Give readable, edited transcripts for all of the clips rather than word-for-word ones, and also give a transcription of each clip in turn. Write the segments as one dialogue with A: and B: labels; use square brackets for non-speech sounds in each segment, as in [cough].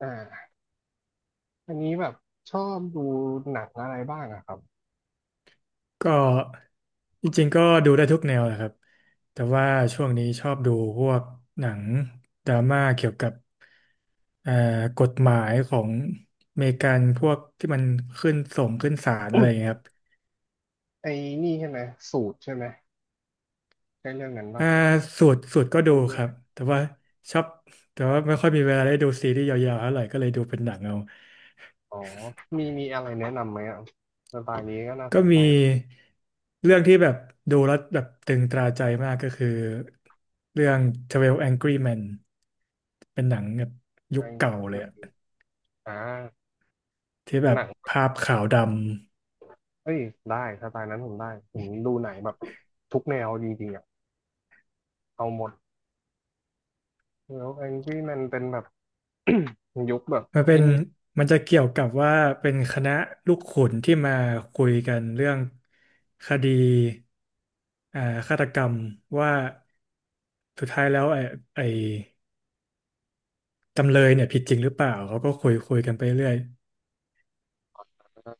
A: อ่าอันนี้แบบชอบดูหนังอะไรบ้างอะครับ
B: ก็จริงๆก็ดูได้ทุกแนวแหละครับแต่ว่าช่วงนี้ชอบดูพวกหนังดราม่าเกี่ยวกับเอ่อกฎหมายของอเมริกันพวกที่มันขึ้นส่งขึ้นศาลอะไรอย่างเงี้ยครับ
A: ไอ้นี่ใช่ไหมสูตรใช่ไหมใช่เรื่องนั้นปะ
B: อ่าสูตรสูตรก็ดู
A: ดูด้ว
B: ค
A: ย
B: รั
A: ไหม
B: บแต่ว่าชอบแต่ว่าไม่ค่อยมีเวลาได้ดูซีรีส์ยาวๆเท่าไหร่ก็เลยดูเป็นหนังเอา
A: อ๋อมีอะไรแนะนำไหมอ่ะสไตล์นี้ก็น่าส
B: ก็
A: นใจ
B: มีเรื่องที่แบบดูแล้วแบบตึงตราใจมากก็คือเรื่อง12 Angry Men เป็นหนังแบบยุ
A: ใน
B: คเก่าเล
A: ใน
B: ยอะ
A: อ่า
B: ที่แบ
A: ห
B: บ
A: นัง
B: ภาพขาวดำ
A: เอ้ยได้สไตล์นั้นผมได้ผมดูหนังแบบทุกแนวจริงๆอ่ะเอาหมดแล้วแองกี้มันเป็นแบบ [clears throat] [coughs] ยุคแบบ
B: มันเป็
A: ไอ้
B: น
A: นี่
B: มันจะเกี่ยวกับว่าเป็นคณะลูกขุนที่มาคุยกันเรื่องคดีอ่าฆาตกรรมว่าสุดท้ายแล้วไอ้จำเลยเนี่ยผิดจริงหรือเปล่าเขาก็คุยคุยกันไปเรื่อย
A: นะ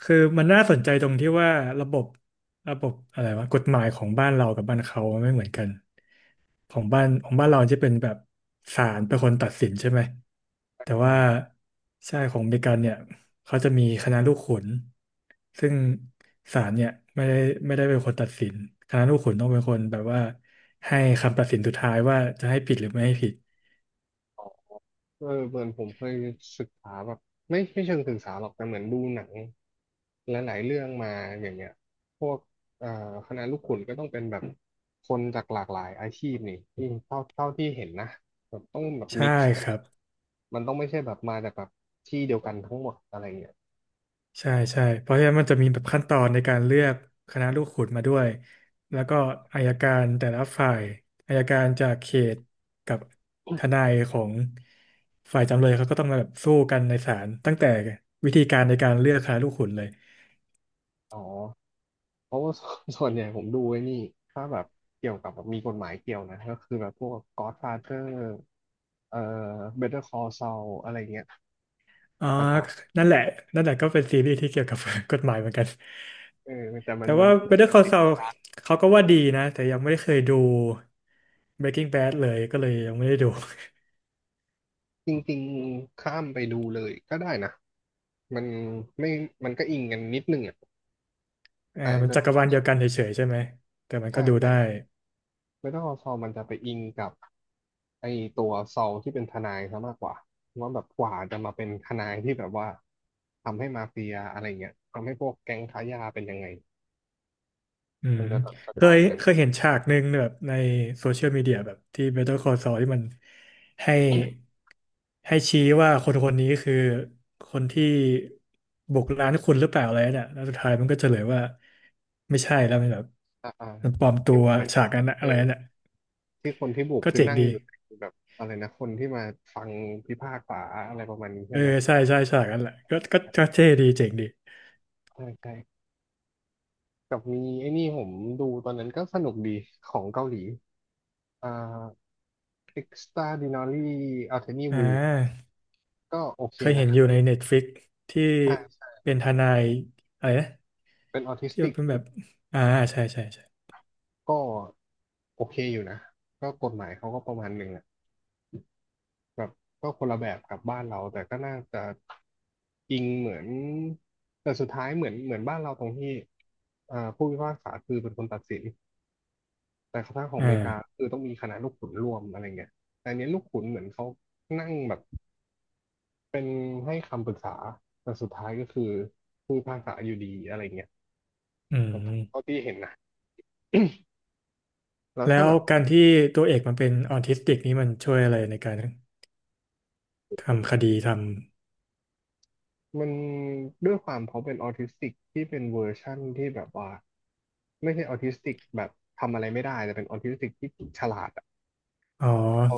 B: คือมันน่าสนใจตรงที่ว่าระบบระบบอะไรวะกฎหมายของบ้านเรากับบ้านเขาไม่เหมือนกันของบ้านเราจะเป็นแบบศาลเป็นคนตัดสินใช่ไหมแต่ว่า
A: ใช่
B: ใช่ของอเมริกันเนี่ยเขาจะมีคณะลูกขุนซึ่งศาลเนี่ยไม่ได้ไม่ได้เป็นคนตัดสินคณะลูกขุนต้องเป็นคนแบบว่าให้คำตัดสินสุดท้ายว่าจะให้ผิดหรือไม่ให้ผิด
A: เออเหมือนผมเคยศึกษาแบบไม่เชิงศึกษาหรอกแต่เหมือนดูหนังหลายๆเรื่องมาอย่างเงี้ยพวกเอ่อคณะลูกขุนก็ต้องเป็นแบบคนจากหลากหลายอาชีพนี่ที่เท่าที่เห็นนะแบบต้องแบบ
B: ใช่
A: มิกซ์กั
B: ค
A: น
B: รับ
A: มันต้องไม่ใช่แบบมาจากแบบที่เดียวกันทั้งหมดอะไรเงี้ย
B: ใช่ใช่เพราะฉะนั้นมันจะมีแบบขั้นตอนในการเลือกคณะลูกขุนมาด้วยแล้วก็อัยการแต่ละฝ่ายอัยการจากเขตกับทนายของฝ่ายจำเลยเขาก็ต้องมาแบบสู้กันในศาลตั้งแต่วิธีการในการเลือกคณะลูกขุนเลย
A: อ๋อเพราะว่า [laughs] ส่วนใหญ่ผมดูไอ้นี่ถ้าแบบเกี่ยวกับแบบมีกฎหมายเกี่ยวนะก็คือแบบพวก Godfather เอ่อ Better Call Saul อะไรเงี้ย
B: อ๋อ
A: สไต
B: นั่นแหละนั่นแหละก็เป็นซีรีส์ที่เกี่ยวกับ [laughs] กฎหมายเหมือนกัน
A: เออแต่มั
B: แต่
A: นมัน
B: ว่า
A: มันจะ
B: Better
A: แบบ
B: Call
A: ติด
B: Saul
A: ตา
B: เขาก็ว่าดีนะแต่ยังไม่ได้เคยดู Breaking Bad เลยก็เลยยังไม่ได้ดู
A: จริงๆข้ามไปดูเลยก็ได้นะมันไม่มันก็อิงกันนิดนึงอ่ะ
B: [laughs] อ่า
A: แต่ไอ้
B: มันจั
A: Better
B: กรวา
A: Call
B: ลเดียว
A: Saul
B: กันเฉยๆใช่ไหมแต่มันก็
A: ใช่
B: ดู
A: ใช่
B: ได้
A: Better Call Saul มันจะไปอิงกับไอตัวซอลที่เป็นทนายซะมากกว่าว่าแบบกว่าจะมาเป็นทนายที่แบบว่าทำให้มาเฟียอะไรเงี้ยทำให้พวกแก๊งค้ายาเป็นยังไง
B: อื
A: มั
B: ม
A: นจะแบบส
B: เค
A: ไต
B: ย
A: ล์นั้น
B: เคยเห็นฉากหนึ่งแบบในโซเชียลมีเดียแบบที่ Better Call Saul ที่มันให้ให้ชี้ว่าคนคนนี้คือคนที่บุกร้านคุณหรือเปล่าอะไรเนี่ยแล้วสุดท้ายมันก็เฉลยว่าไม่ใช่แล้วมันแบบ
A: อ่าอ่า
B: มันปลอมตั
A: ที่
B: ว
A: มัน
B: ฉากนั้นน่ะ
A: เอ
B: อะ
A: อ
B: ไรน่ะ
A: ที่คนที่บุก
B: ก็
A: คือ
B: เจ๋ง
A: นั่ง
B: ดี
A: อยู่ในแบบอะไรนะคนที่มาฟังพิพากษาอะไรประมาณนี้
B: เอ
A: ใช่
B: อ
A: ไหม
B: ใช่ใช่ฉากนั้นแหละก็เท่ดีเจ๋งดี
A: ใช่ใช่กับมีไอ้นี่ผมดูตอนนั้นก็สนุกดีของเกาหลีอ่า Extraordinary Attorney
B: อ่
A: Woo
B: า
A: ก็โอเค
B: เคย
A: นะ
B: เห็นอยู่ใน Netflix ที่
A: ใช่ใช่
B: เป็นทนายอะไรนะ
A: เป็นออทิส
B: ที่มั
A: ติ
B: น
A: ก
B: เป็นแบบอ่าใช่ใช่ใช่
A: ก็โอเคอยู่นะ ก็กฎหมายเขาก็ประมาณหนึ่งอะแบบก็คนละแบบกับบ้านเรา แต่ก็น่าจะอิงเหมือนแต่สุดท้ายเหมือนบ้านเราตรงที่อ่าผู้พิพากษาคือเป็นคนตัดสินแต่ทางของ
B: อ่
A: อเมริกา
B: า
A: คือต้องมีคณะลูกขุนร่วมอะไรเงี้ยแต่อันเนี้ยลูกขุนเหมือนเขานั่งแบบ เป็นให้คำปรึกษาแต่สุดท้ายก็คือพูดภาษาอยู่ดีอะไรเงี้ย
B: อื
A: เท่า
B: ม
A: ที่เห็นนะแล้ว
B: แล้
A: ถ้า
B: ว
A: แบบ
B: การที่ตัวเอกมันเป็นออทิสติกนี่มันช่วยอะไรในการทำคดีท
A: มันด้วยความเขาเป็นออทิสติกที่เป็นเวอร์ชั่นที่แบบว่าไม่ใช่ออทิสติกแบบทำอะไรไม่ได้แต่เป็นออทิสติกที่ฉลาดอะ
B: ำอ๋อ
A: เขา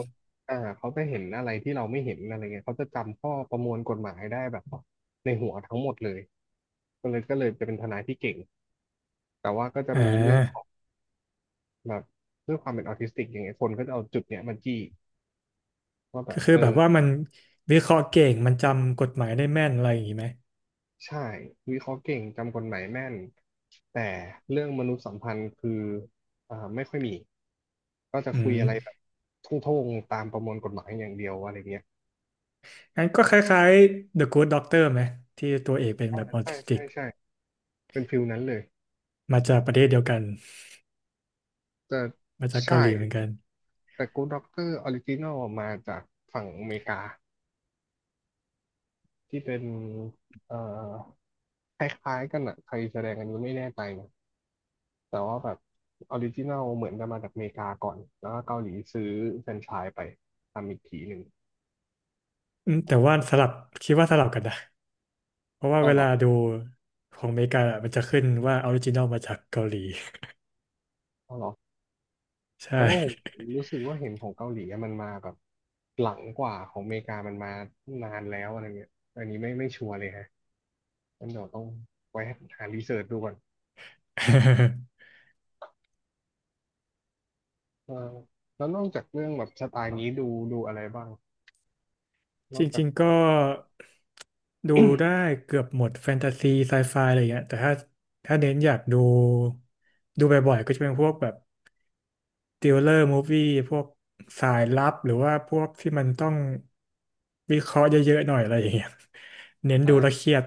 A: อ่าเขาจะเห็นอะไรที่เราไม่เห็นอะไรเงี้ยเขาจะจำข้อประมวลกฎหมายได้แบบในหัวทั้งหมดเลยก็เลยจะเป็นทนายที่เก่งแต่ว่าก็จะ
B: อ่
A: มีเรื่องของ
B: า
A: แบบด้วยความเป็นออทิสติกอย่างเงี้ยคนก็จะเอาจุดเนี้ยมาจี้ ว่าแบ
B: ก็
A: บ
B: คือ
A: เออ
B: แบบว่ามันวิเคราะห์เก่งมันจำกฎหมายได้แม่นอะไรอย่างนี้ไหม
A: ใช่วิเคราะห์เก่งจำกฎหมายแม่นแต่เรื่องมนุษยสัมพันธ์คืออ่าไม่ค่อยมีก็จะ
B: อื
A: คุยอะไรแบ
B: ม
A: บทุ่งๆตามประมวลกฎหมายอย่างเดียวอะไรเงี้ย
B: งั้นก็คล้ายๆ The Good Doctor ไหมที่ตัวเอกเป็น
A: อ่า
B: แบบออ
A: ใช่
B: ทิสติ
A: ใช่
B: ก
A: ใช่เป็นฟิลนั้นเลย
B: มาจากประเทศเดียวกัน
A: แต่
B: มาจากเกา
A: ใช่
B: หลีเหมือนกัน
A: แต่ Good Doctor Original มาจากฝั่งอเมริกาที่เป็นเอ่อคล้ายๆกันอะใครแสดงอันนี้ไม่แน่ใจนะ แต่ว่าแบบออริจินัลเหมือนจะมาจากอเมริกาก่อน แล้วก็เกาหลีซื้อแฟรนไชส์ไปทำอีกทีหนึ่ง
B: อืมแต่ว่าสลับคิดว่าสลับกันนะเพราะว่า
A: อ้า
B: เว
A: วเหร
B: ลา
A: อ
B: ดูของอเมริกาอะมันจะขึ้นว่าออริจินอลมาจากเกาหลี
A: อ้าวเหรอ
B: [laughs]
A: เพ
B: ใช่
A: ราะว่าผมรู้สึกว่าเห็นของเกาหลีอะมันมาแบบหลังกว่าของอเมริกามันมานานแล้วอะไรเงี้ยอันนี้ไม่ชัวร์เลยฮะงั้นเดี๋ยวต้องไว้หารีเสิร์ชดูก่อนเออแล้วนอกจากเรื่องแบบสไตล์นี้ดูดูอะไรบ้างน
B: [laughs] จ
A: อกจาก
B: ริงๆ
A: ตั
B: ก็
A: วท
B: ดูได้เกือบหมดแฟนตาซีไซไฟอะไรอย่างเงี้ยแต่ถ้าถ้าเน้นอยากดูดูบ่อยๆก็จะเป็นพวกแบบติวเลอร์มูฟวี่พวกสายลับหรือว่าพวกที่มันต้องวิเคราะห์เยอะๆหน่อยอะไรอย่างเงี้ย [laughs] เน้น
A: ำอ่า
B: ดูแล้วเครียด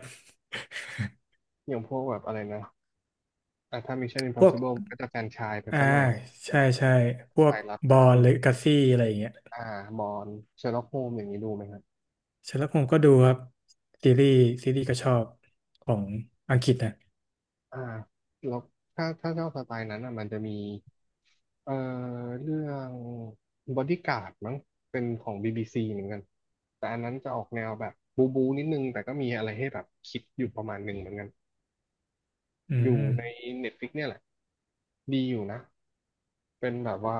A: อย่างพวกแบบอะไรนะอ่ะถ้า Mission
B: พวก
A: Impossible มันก็จะแฟรนไชส์ไป
B: อ่า
A: ซะหน่อย
B: ใช่ใช่พว
A: สา
B: ก
A: ยลับ
B: บ
A: ก็
B: อ
A: จะ
B: ล
A: มี
B: หรือกัซซี่อะไรอย่างเงี้ย
A: อ่ามอนเชอร์ล็อกโฮมอย่างนี้ดูไหมครับ
B: ฉันแล้วผมก็ดูครับซีรีส์ซีรีส์ก็ชอบของอังกฤษนะ
A: อ่าแล้วถ้าถ้าชอบสไตล์นั้นอ่ะมันจะมีเอ่อเรื่องบอดี้การ์ดมั้งเป็นของ BBC เหมือนกันแต่อันนั้นจะออกแนวแบบบูบูนิดนึงแต่ก็มีอะไรให้แบบคิดอยู่ประมาณหนึ่งเหมือนกัน
B: อื
A: อยู่ใน
B: ม
A: Netflix เนี่ยแหละดีอยู่นะเป็นแบบว่า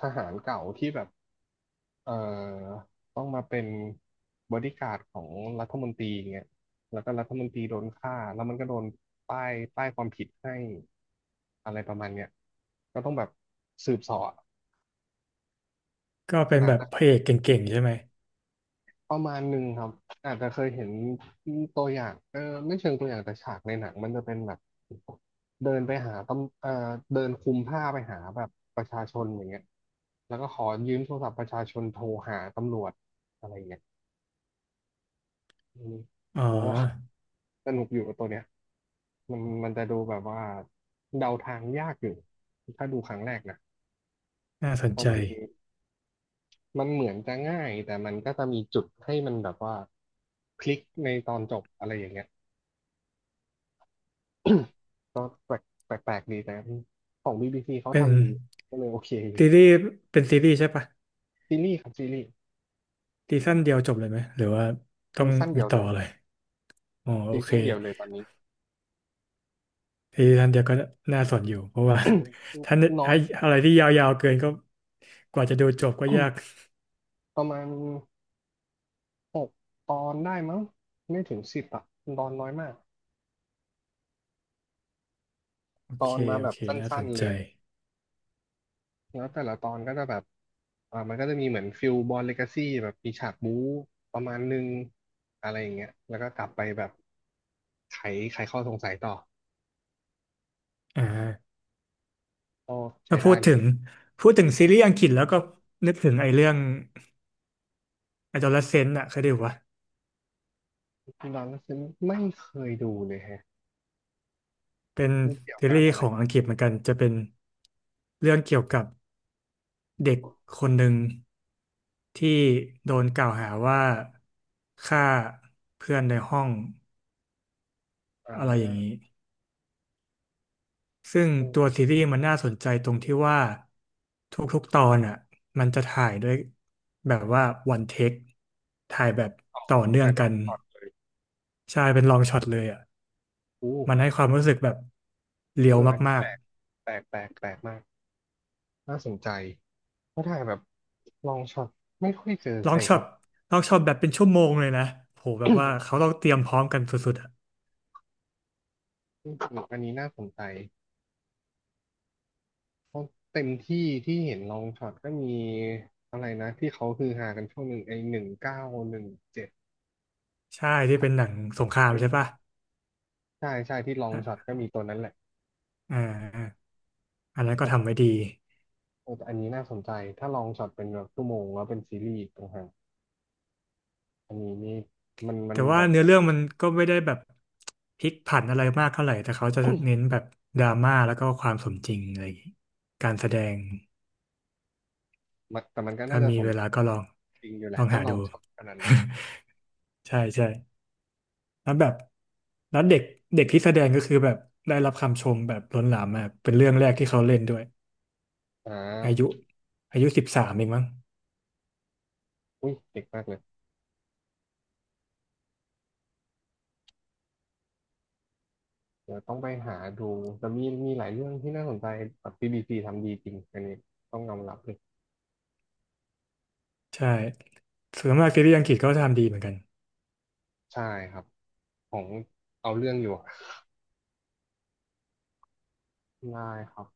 A: ทหารเก่าที่แบบเอ่อต้องมาเป็นบอดี้การ์ดของรัฐมนตรีอย่างเงี้ยแล้วก็รัฐมนตรีโดนฆ่าแล้วมันก็โดนป้ายความผิดให้อะไรประมาณเนี้ยก็ต้องแบบสืบเสอบอะ
B: ก็เป็นแบบพ
A: อ่ะ
B: ระเอกเก่งๆใช่ไหม
A: ประมาณหนึ่งครับอาจจะเคยเห็นตัวอย่างไม่เชิงตัวอย่างแต่ฉากในหนังมันจะเป็นแบบเดินไปหาตำเออเดินคลุมผ้าไปหาแบบประชาชนอย่างเงี้ยแล้วก็ขอยืมโทรศัพท์ประชาชนโทรหาตำรวจอะไรเงี้ยอืม
B: อ๋
A: โอ้
B: อ
A: สนุกอยู่ตัวเนี้ยมันจะดูแบบว่าเดาทางยากอยู่ถ้าดูครั้งแรกนะ
B: น่าสน
A: เพราะ
B: ใจ
A: มันเหมือนจะง่ายแต่มันก็จะมีจุดให้มันแบบว่าพลิกในตอนจบอะไรอย่างเงี้ย [coughs] ก็แปลกแปลกแปลกดีแต่ของ BBC เขา
B: เป็น
A: ทำดีก็เลยโอเคอยู่
B: ซีรีส์เป็นซีรีส์ใช่ปะ
A: ซีรีส์ครับซีรีส์
B: ซีซั่นเดียวจบเลยไหมหรือว่าต้อ
A: ซี
B: ง
A: ซั่นเดี
B: มี
A: ยว
B: ต่
A: เล
B: อ
A: ย
B: เลยอ๋อโอ
A: ซี
B: เค
A: ซั่นเดียวเลยตอนนี้
B: ซีซั่นเดียวก็น่าสนอยู่เพราะว่า [laughs]
A: [coughs]
B: ถ้า
A: น้อ
B: ไอ้
A: ย
B: อะไรที่ยาวๆเกินก็กว่าจะดูจบก็ยาก
A: [coughs] ประมาณ6ตอนได้มั้งไม่ถึง10อะตอนน้อยมาก
B: โอ
A: ตอ
B: เค
A: นมา
B: โอ
A: แบบ
B: เค
A: สั
B: น่าส
A: ้น
B: น
A: ๆเล
B: ใจ
A: ยแล้วแต่ละตอนก็จะแบบมันก็จะมีเหมือนฟิลบอลเลกาซี่แบบมีฉากบู๊ประมาณนึงอะไรอย่างเงี้ยแล้วก็กลับไปแบบไขไขข้อสงสัยต่อ
B: อ่า
A: ก็ใช้
B: มาพู
A: ได้
B: ด
A: เล
B: ถึ
A: ย
B: งพูดถึงซีรีส์อังกฤษแล้วก็นึกถึงไอ้เรื่อง Adolescent อะเคยดูวะ
A: นอนฉันไม่เคยดูเลยแฮะ
B: เป็น
A: มันเกี่ยว
B: ซี
A: กับ
B: รีส์
A: อะไร
B: ของอังกฤษเหมือนกันจะเป็นเรื่องเกี่ยวกับ เด็กคนหนึ่งที่โดนกล่าวหาว่าฆ่าเพื่อนในห้อง
A: อ่
B: อะไรอย่างนี้
A: า
B: ซึ่ง
A: อื
B: ตัว
A: ม
B: ซีรีส์มันน่าสนใจตรงที่ว่าทุกๆตอนอ่ะมันจะถ่ายด้วยแบบว่าวันเทคถ่ายแบบต่อ
A: ไล
B: เนื่องกั
A: อน
B: น
A: ช็อตเลย
B: ใช่เป็นลองช็อตเลยอ่ะ
A: อู้
B: มันให้ความรู้สึกแบบเรีย
A: เอ
B: ว
A: ออันนี้
B: มา
A: แป
B: ก
A: ลกแปลกแปลกแปลกมากน่าสนใจเพราะถ่ายแบบลองช็อตไม่ค่อยเจอ
B: ๆล
A: ใค
B: อ
A: ร
B: งช็อ
A: เขา
B: ตลองช็อตแบบเป็นชั่วโมงเลยนะโหแบบว่าเขาต้องเตรียมพร้อมกันสุดๆอ่ะ
A: อืมอันนี้น่าสนใจเพราะเต็มที่ที่เห็นลองช็อตก็มีอะไรนะที่เขาฮือฮากันช่วงหนึ่งไอ้1917
B: ใช่ที่เป็นหนังสงครามใช่ปะ
A: ใช่ใช่ที่ลองช็อตก็มีตัวนั้นแหละ
B: อ่าอันนั้นก็
A: แต่ตอ
B: ทำไว้
A: น
B: ดี
A: เออแต่อันนี้น่าสนใจถ้าลองช็อตเป็นแบบชั่วโมงแล้วเป็นซีรีส์ต่างหาก อันนี้นี่มันมั
B: แต่
A: น
B: ว่า
A: แบบ
B: เนื้อเรื่องมันก็ไม่ได้แบบพลิกผันอะไรมากเท่าไหร่แต่เขาจะเน้นแบบดราม่าแล้วก็ความสมจริงอะไรอย่างงี้การแสดง
A: มันแต่มันก็น่า
B: ถ้า
A: จะ
B: มี
A: สม
B: เวลาก็ลอง
A: จริงอยู่แห
B: ล
A: ละ
B: อง
A: ถ้า
B: หา
A: เรา
B: ดู
A: ชอบขนาดนั้น
B: [laughs] ใช่ใช่แล้วแบบแล้วเด็กเด็กที่แสดงก็คือแบบได้รับคำชมแบบล้นหลามมากเป็นเรื่องแรกที่เขาเล่นด้วย
A: อ่
B: อายุ
A: า
B: อายุ13เองมั้ง
A: อุ้ยเด็กมากเลยเดี๋ยวต้องไปหาดูแต่มีหลายเรื่องที่น่าสนใจแบบ BBC ทำดีจริงอันนี้ต้องยอมรับเลย
B: ใช่ส่วนมากซีรีส์อังกฤษก็ทำดีเหมือนกัน
A: ใช่ครับของเอาเรื่องอยู่อะได้ครับ